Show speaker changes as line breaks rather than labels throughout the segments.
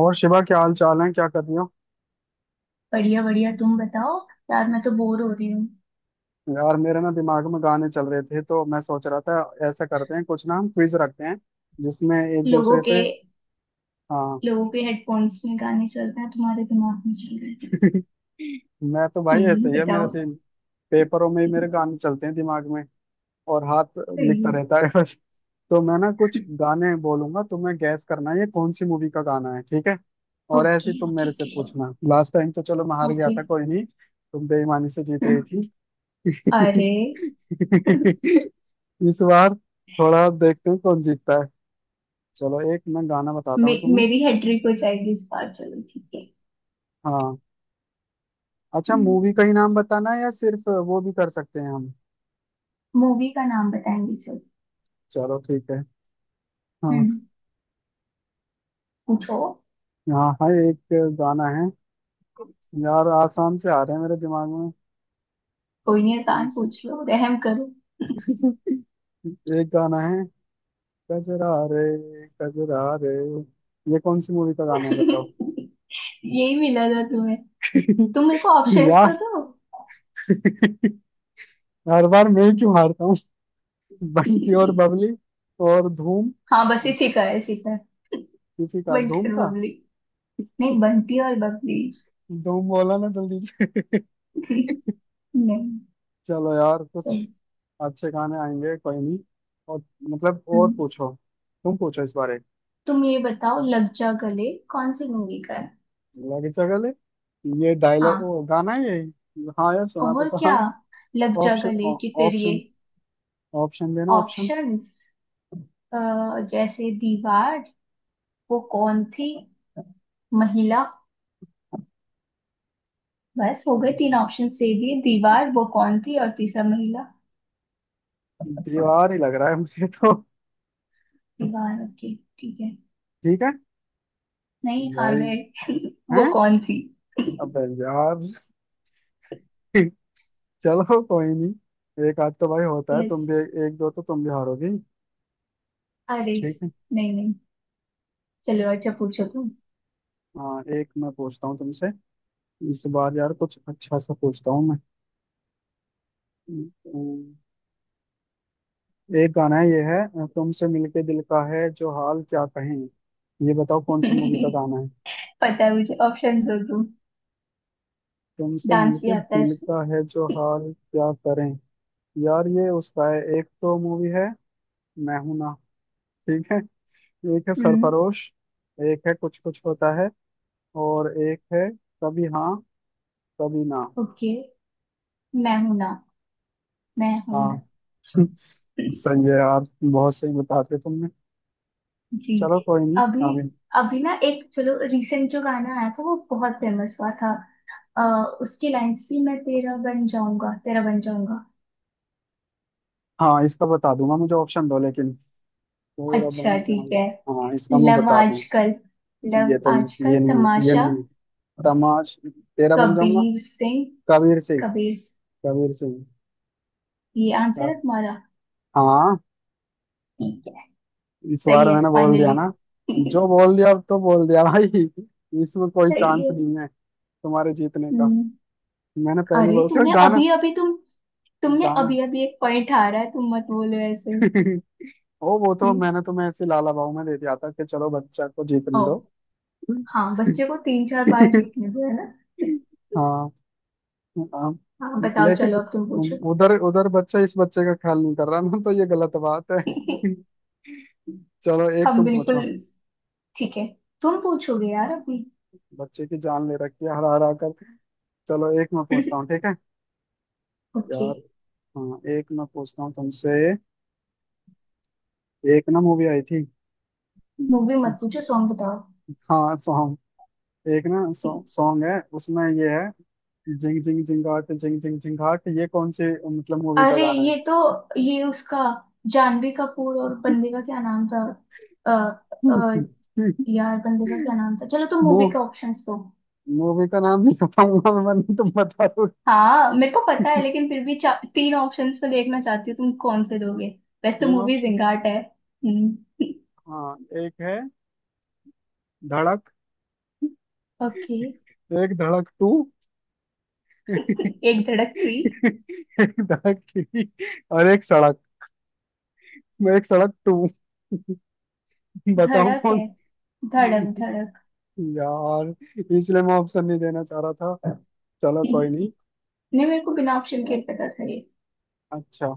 और शिवा, क्या हाल चाल है? क्या कर रही हो?
बढ़िया बढ़िया। तुम बताओ। यार मैं तो बोर हो रही हूँ।
यार मेरे ना दिमाग में गाने चल रहे थे तो मैं सोच रहा था, ऐसा करते हैं कुछ ना, हम क्विज रखते हैं जिसमें एक
लोगों
दूसरे
के
से। हाँ।
लोगों के हेडफोन्स में गाने चल रहे हैं। तुम्हारे दिमाग में चल रहे हैं।
मैं तो भाई ऐसे ही है मेरा
बताओ।
सीन। पेपरों में ही मेरे गाने चलते हैं दिमाग में, और हाथ लिखता रहता है बस। तो मैं ना कुछ गाने बोलूंगा, तुम्हें गैस करना है ये कौन सी मूवी का गाना है, ठीक है? और
ओके
ऐसे ही तुम
ओके
मेरे से
ओके।
पूछना। लास्ट टाइम तो चलो मैं हार गया
ओके।
था, कोई नहीं, तुम बेईमानी से जीत गई थी।
अरे
इस बार थोड़ा देखते हैं कौन जीतता है। चलो एक मैं गाना बताता हूँ तुम्हें।
मेरी हेड्रिक हो जाएगी इस बार। चलो ठीक है।
हाँ अच्छा, मूवी का ही नाम बताना है या सिर्फ वो भी कर सकते हैं हम?
मूवी का नाम बताएंगे सब।
चलो ठीक है। हाँ।
हम्म पूछो।
हाँ हाँ एक गाना है। यार आसान से आ रहे हैं मेरे दिमाग में।
कोई नहीं,
तुम।
आसान पूछ लो, रहम करो।
एक गाना है, कजरा रे कजरा रे। ये कौन सी मूवी का गाना है बताओ?
यही मिला था तुम्हें? तुम मेरे को ऑप्शंस तो
यार।
दो।
हर बार मैं ही क्यों हारता हूँ? बंटी और बबली, और धूम।
हाँ बस इसी का है इसी का।
किसी का
बंटी
धूम
और
का।
बबली। नहीं, बंटी और बबली।
धूम बोला ना जल्दी से।
नहीं।
चलो यार, कुछ
चल।
अच्छे गाने आएंगे, कोई नहीं। और मतलब और
हम्म,
पूछो। तुम पूछो इस बारे।
तुम ये बताओ लग जा गले कौन सी मूवी का है।
लगे चगले, ये डायलॉग
हाँ।
ओ गाना है ये? हाँ यार सुना तो
और
था।
क्या। लग जा
ऑप्शन,
गले कि फिर ये।
ऑप्शन, ऑप्शन देना, ऑप्शन।
ऑप्शंस, जैसे दीवार, वो कौन थी, महिला। बस हो गए, तीन ऑप्शन दे दिए, दीवार, वो कौन थी और तीसरा महिला।
दीवार ही लग रहा है मुझे तो।
दीवार, ओके ठीक है।
ठीक है।
नहीं, हार
भाई,
गए। वो
हैं?
कौन थी।
अबे यार। चलो कोई नहीं, एक आध तो भाई होता है,
यस।
तुम भी। एक दो तो तुम भी हारोगी,
अरे,
ठीक है।
नहीं नहीं। चलो अच्छा पूछो।
हाँ एक मैं पूछता हूँ तुमसे। इस बार यार कुछ अच्छा सा पूछता हूँ मैं। अम्म, एक गाना है ये है, तुमसे मिलके दिल का है जो हाल क्या कहें। ये बताओ कौन
तुम
सी मूवी का गाना है?
पता है मुझे, ऑप्शन दो तुम।
तुमसे
डांस भी
मिलके
आता है
दिल
इसमें।
का है जो हाल क्या करें। यार ये उसका है, एक तो मूवी है मैं हूं ना, ठीक है। एक है
हम्म।
सरफरोश, एक है कुछ कुछ होता है, और एक है कभी हाँ कभी ना।
ओके। मैं हूं ना। मैं हूं ना।
हाँ। सही है यार, बहुत सही बता दिया तुमने।
जी।
चलो कोई नहीं।
अभी।
अभी।
अभी ना एक, चलो रिसेंट जो गाना आया था वो बहुत फेमस हुआ था। अ, उसकी लाइंस थी मैं तेरा बन जाऊंगा तेरा बन जाऊंगा।
हाँ इसका बता दूंगा, मुझे ऑप्शन दो लेकिन। पूरा बन
अच्छा
जाऊं।
ठीक है।
हाँ इसका मैं
लव
बता दूं।
आजकल। लव
ये तो,
आजकल,
ये नहीं है ये
तमाशा।
नहीं है। तमाश तेरा बन जाऊंगा।
कबीर सिंह।
कबीर सिंह।
कबीर सिंह।
कबीर सिंह।
ये आंसर
का।
है तुम्हारा।
हाँ।
ठीक है।
इस
सही
बार
है
मैंने बोल दिया
फाइनली।
ना।
सही
जो बोल दिया अब तो बोल दिया भाई, इसमें कोई चांस
है।
नहीं है तुम्हारे जीतने का।
हम्म।
मैंने पहली
अरे
बार क्यों
तुमने
गाना।
अभी अभी, तुमने
गाना।
अभी अभी एक पॉइंट हारा है, तुम मत बोलो ऐसे।
ओ वो तो
हम्म।
मैंने तुम्हें ऐसे लाला बाबू में दे दिया था कि चलो बच्चा को जीतने
ओ।
दो।
हाँ बच्चे को तीन चार बार जीतने दो, है ना।
हाँ। हाँ,
हाँ बताओ,
लेकिन
चलो अब तुम पूछो।
उधर उधर बच्चा इस बच्चे का ख्याल नहीं कर रहा ना, तो ये गलत बात है। चलो एक
हम
तुम
बिल्कुल
पूछो।
ठीक है। तुम पूछोगे यार अभी।
बच्चे की जान ले रखी है हरा हरा कर। चलो एक मैं पूछता हूँ, ठीक है।
ओके।
यार। हाँ एक मैं पूछता हूँ तुमसे। एक ना मूवी आई थी।
मूवी मत पूछो, सॉन्ग बताओ।
हाँ सॉन्ग। एक ना सॉन्ग है उसमें, ये है, जिंग जिंग जिंगाट जिंग जिंग जिंगाट। ये कौन सी मतलब मूवी का
अरे
गाना
ये तो, ये उसका। जानवी कपूर और बंदे का क्या नाम था। अ, अ,
है?
यार बंदे का क्या नाम था। चलो तुम
वो
मूवी के ऑप्शंस दो।
मूवी का नाम नहीं पता मुझे, वरना तुम बता।
हाँ मेरे को पता है लेकिन फिर भी तीन ऑप्शंस में देखना चाहती हूँ तुम कौन से दोगे। वैसे तो
तीन
मूवी
ऑप्शन।
जिंगाट है। हम्म।
हाँ, एक है धड़क,
ओके।
एक धड़क टू, एक
एक धड़क थ्री।
धड़क थ्री, और एक सड़क, एक सड़क टू। बताओ
धड़क
कौन।
है। धड़क धड़क।
यार इसलिए मैं ऑप्शन नहीं देना चाह रहा था, चलो कोई नहीं।
नहीं, मेरे को बिना ऑप्शन के पता था ये।
अच्छा,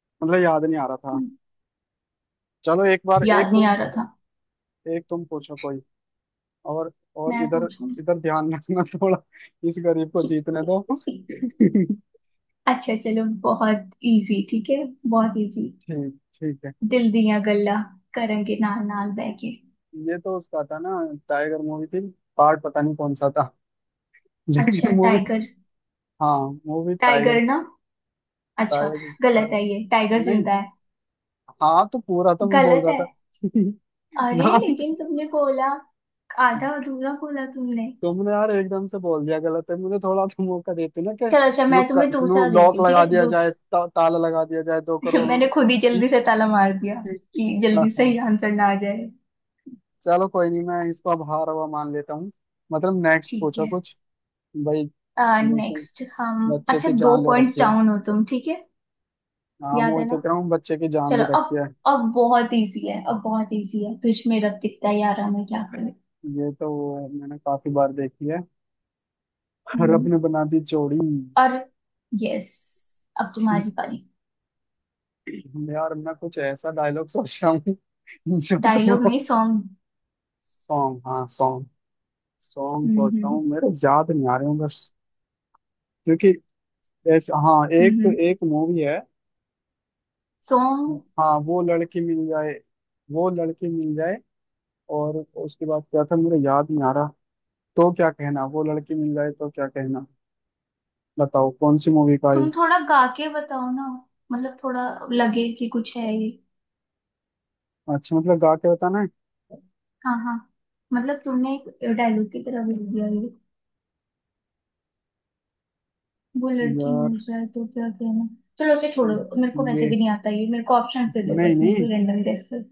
मतलब याद नहीं आ रहा था।
हम्म,
चलो एक बार एक
याद नहीं
तुम।
आ रहा था।
एक तुम पूछो कोई। और और
मैं
इधर,
पूछूं?
इधर ध्यान रखना थोड़ा, इस गरीब को जीतने दो। ठीक।
अच्छा चलो बहुत इजी, ठीक है। बहुत इजी।
ठीक है।
दिल दिया गल्ला करेंगे नाल नाल बहके।
ये तो उसका था ना, टाइगर मूवी थी। पार्ट पता नहीं कौन सा था
अच्छा,
लेकिन, मूवी।
टाइगर।
हाँ, वो भी टाइगर।
टाइगर ना। अच्छा।
टाइगर। पर,
गलत है, ये टाइगर
नहीं।
जिंदा।
हाँ तो पूरा तो मैं बोल
गलत
रहा
है।
था।
अरे
नाम
लेकिन
तो।
तुमने बोला। आधा अधूरा बोला तुमने।
तुमने यार एकदम से बोल दिया गलत है, मुझे थोड़ा तो मौका देते ना कि।
चलो अच्छा
नु,
मैं तुम्हें
नु,
दूसरा देती
लॉक
हूँ, ठीक
लगा
है,
दिया
दूस।
जाए, ताला लगा दिया जाए दो करोड़
मैंने खुद ही जल्दी से ताला मार दिया कि
हाँ
जल्दी
हाँ।
सही आंसर ना आ जाए।
चलो कोई नहीं, मैं इसको अब हार हुआ मान लेता हूँ। मतलब नेक्स्ट
ठीक
पूछो
है।
कुछ, भाई। लेकिन
नेक्स्ट हम।
बच्चे
अच्छा
की
दो
जान ले
पॉइंट्स
रखी है।
डाउन हो तुम, ठीक है।
हाँ मैं
याद
वही
है ना।
तो कह रहा हूँ बच्चे की जान ले
चलो
रखी
अब।
है।
अब बहुत इजी है, अब बहुत इजी है। तुझ में रब दिखता है यारा मैं क्या करूं।
ये तो मैंने काफी बार देखी है। रब
हम्म,
ने बना दी जोड़ी।
और। यस। अब तुम्हारी बारी।
यार मैं कुछ ऐसा डायलॉग सोच रहा हूँ जो तुम।
डायलॉग नहीं, सॉन्ग।
सॉन्ग, हाँ सॉन्ग। सॉन्ग सोचता
हम्म।
हूँ, मेरे याद नहीं आ रहे हूँ बस। क्योंकि ऐसा, हाँ एक
हम्म।
एक मूवी है।
सॉन्ग।
हाँ वो लड़की मिल जाए, वो लड़की मिल जाए, और उसके बाद क्या था मेरे याद नहीं आ रहा। तो क्या कहना वो लड़की मिल जाए तो क्या कहना। बताओ कौन सी मूवी का है?
तुम थोड़ा गा के बताओ ना। मतलब थोड़ा लगे कि कुछ है ये।
अच्छा मतलब गा के बताना है?
हाँ हाँ। मतलब तुमने एक डायलॉग की तरह लिख दिया ये। वो लड़की मिल
यार
जाए तो क्या कहना। चलो उसे छोड़ो। मेरे को वैसे
ये।
भी नहीं आता ये, मेरे को ऑप्शन दे दो
नहीं
बस, मैं
नहीं,
कोई रैंडम गेस कर।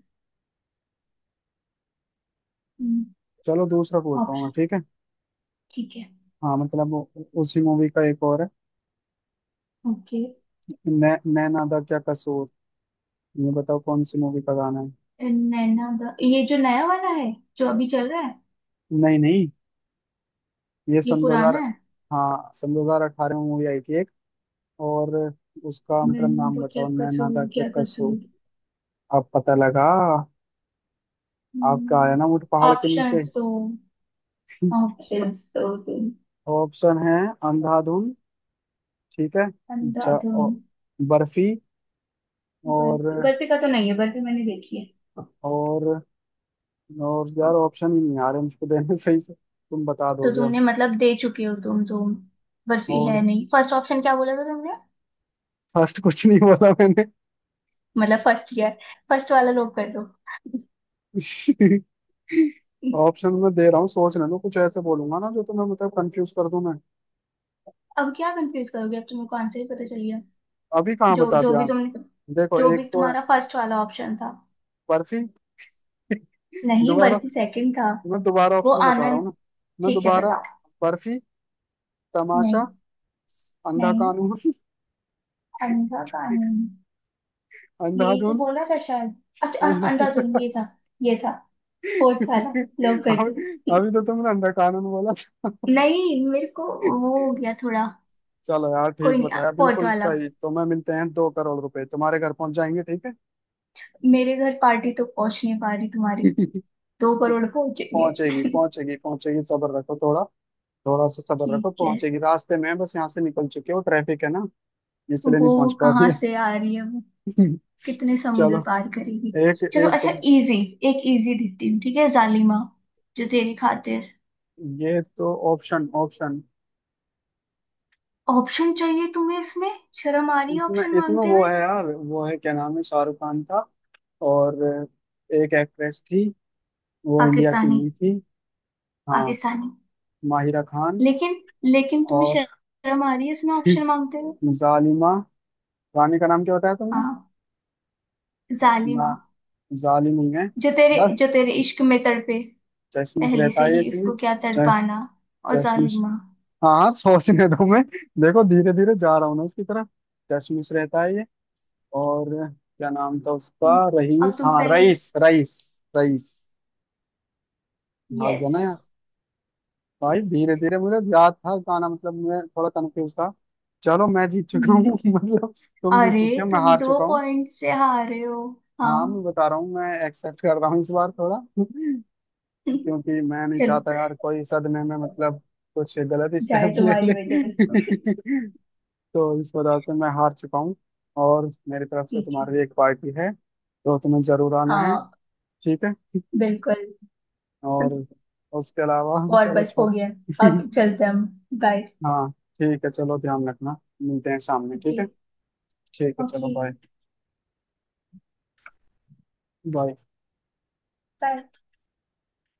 चलो दूसरा पूछता हूँ मैं,
ऑप्शन।
ठीक है।
ठीक है।
हाँ मतलब उसी मूवी का एक और है।
ओके।
नैना दा क्या कसूर। ये बताओ कौन सी मूवी का गाना है?
नैना दा, ये जो नया वाला है, जो अभी चल रहा है?
नहीं नहीं, ये
ये
सन दो हजार।
पुराना है।
हाँ सन 2018 में मूवी आई थी एक, और उसका मतलब
मैंने
नाम
तो, क्या
बताओ। नैना दा
कसूर
क्या
क्या
कसूर।
कसूर।
अब पता लगा, आपका आया
हम्म,
ना ऊँट पहाड़ के नीचे।
ऑप्शंस तो ऑप्शंस तो तुम।
ऑप्शन है अंधाधुन, ठीक है। ज,
अंधाधुन।
औ- बर्फी,
बर्फी
और।
बर्फी का तो नहीं है, बर्फी मैंने देखी है।
और और यार ऑप्शन ही नहीं आ रहे मुझको देने सही से, तुम बता
तो
दोगे अब।
तुमने मतलब दे चुके हो तुम। बर्फी
और
है नहीं। फर्स्ट ऑप्शन क्या बोला था तुमने।
फर्स्ट कुछ नहीं बोला मैंने।
मतलब फर्स्ट ईयर। फर्स्ट वाला लोग कर दो।
ऑप्शन में दे रहा हूँ, सोच लेना, कुछ ऐसे बोलूंगा ना जो तुम्हें मतलब कंफ्यूज कर दूं मैं।
अब क्या कंफ्यूज करोगे, अब तुमको आंसर ही पता चल गया।
अभी कहाँ
जो
बता
जो
दिया
भी तुमने
आंसर, देखो,
जो
एक
भी
तो है
तुम्हारा फर्स्ट वाला ऑप्शन था।
बर्फी।
नहीं,
दोबारा,
बल्कि सेकंड था।
मैं दोबारा
वो
ऑप्शन बता रहा हूँ ना।
आनंद।
मैं
ठीक है
दोबारा।
बताओ।
बर्फी, तमाशा,
नहीं।
अंधा
नहीं।
कानून,
अंधा कानून। यही तो
अंधाधुन।
बोला था शायद। अच्छा
अंधा।
अंधाधुन ये था फोर्थ वाला। लोग कर दो।
अभी। अभी तो तुमने अंधा कानून बोला।
नहीं मेरे को। वो हो गया थोड़ा।
चलो यार
कोई
ठीक
नहीं।
बताया
पहुंच
बिल्कुल
वाला।
सही, तो मैं मिलते हैं 2 करोड़ रुपए तुम्हारे घर पहुंच जाएंगे, ठीक है।
मेरे घर पार्टी तो पहुंच नहीं पा रही तुम्हारी, दो करोड़ पहुंचेंगे?
पहुंचेगी पहुंचेगी पहुंचेगी, सब्र रखो थोड़ा। थोड़ा सा सब्र रखो,
ठीक है।
पहुंचेगी, रास्ते में है, बस यहाँ से निकल चुके हो, ट्रैफिक है ना, इसलिए
वो
नहीं पहुंच पा रही
कहाँ
है।
से आ रही है वो। कितने
चलो
समुद्र पार करेगी।
एक,
चलो
एक
अच्छा
तुम।
इजी। एक इजी देती हूँ, ठीक है। जालिमा जो तेरी खातिर।
ये तो ऑप्शन, ऑप्शन।
ऑप्शन चाहिए तुम्हें इसमें? शर्म आ रही है
इसमें,
ऑप्शन
इसमें
मांगते
वो
हुए।
है यार, वो है क्या नाम है, शाहरुख खान था, और एक एक्ट्रेस थी, वो इंडिया की
पाकिस्तानी।
नहीं थी। हाँ,
पाकिस्तानी।
माहिरा खान।
लेकिन। लेकिन तुम्हें
और।
शर्म आ रही है इसमें ऑप्शन मांगते हुए।
जालिमा। रानी का नाम क्या बताया तुमने?
हाँ।
ना,
जालिमा।
जालिम ही है।
जो तेरे
बस।
जो तेरे इश्क में तड़पे।
चश्मिश
पहले
रहता
से
है
ही
इसमें।
उसको क्या
च-
तड़पाना। और
चश्मिश।
जालिमा।
हाँ हाँ, सोचने दो मैं। देखो धीरे धीरे जा रहा हूँ ना उसकी तरफ। कशमिश रहता है ये, और क्या नाम था उसका,
अब
रईस,
तुम
हाँ
पहले।
Rice, rice, rice. हाँ गया
यस।
ना यार। भाई
यस।
धीरे धीरे मुझे याद था गाना, मतलब मैं थोड़ा कंफ्यूज था। चलो मैं जीत चुका हूँ। मतलब तुम जीत
अरे
चुके हो, मैं
तुम
हार
दो
चुका हूँ।
पॉइंट से हारे हो।
हाँ मैं
हाँ।
बता रहा हूँ, मैं एक्सेप्ट कर रहा हूँ इस बार थोड़ा। क्योंकि मैं नहीं
चलो
चाहता यार कोई सदमे में मतलब कुछ गलत
जाए
स्टेप ले
तुम्हारी
ले।
वजह से।
तो इस वजह से मैं हार चुका हूँ। और मेरी तरफ से
ठीक है।
तुम्हारे लिए एक पार्टी है, तो तुम्हें जरूर आना है,
हाँ।
ठीक है।
बिल्कुल।
और उसके अलावा
और
चलो
बस हो
छोड़।
गया। अब चलते हैं हम। बाय।
हाँ ठीक है, चलो ध्यान रखना, मिलते हैं शाम में, ठीक
ओके।
है। ठीक है चलो,
ओके।
बाय। बाय।
बाय।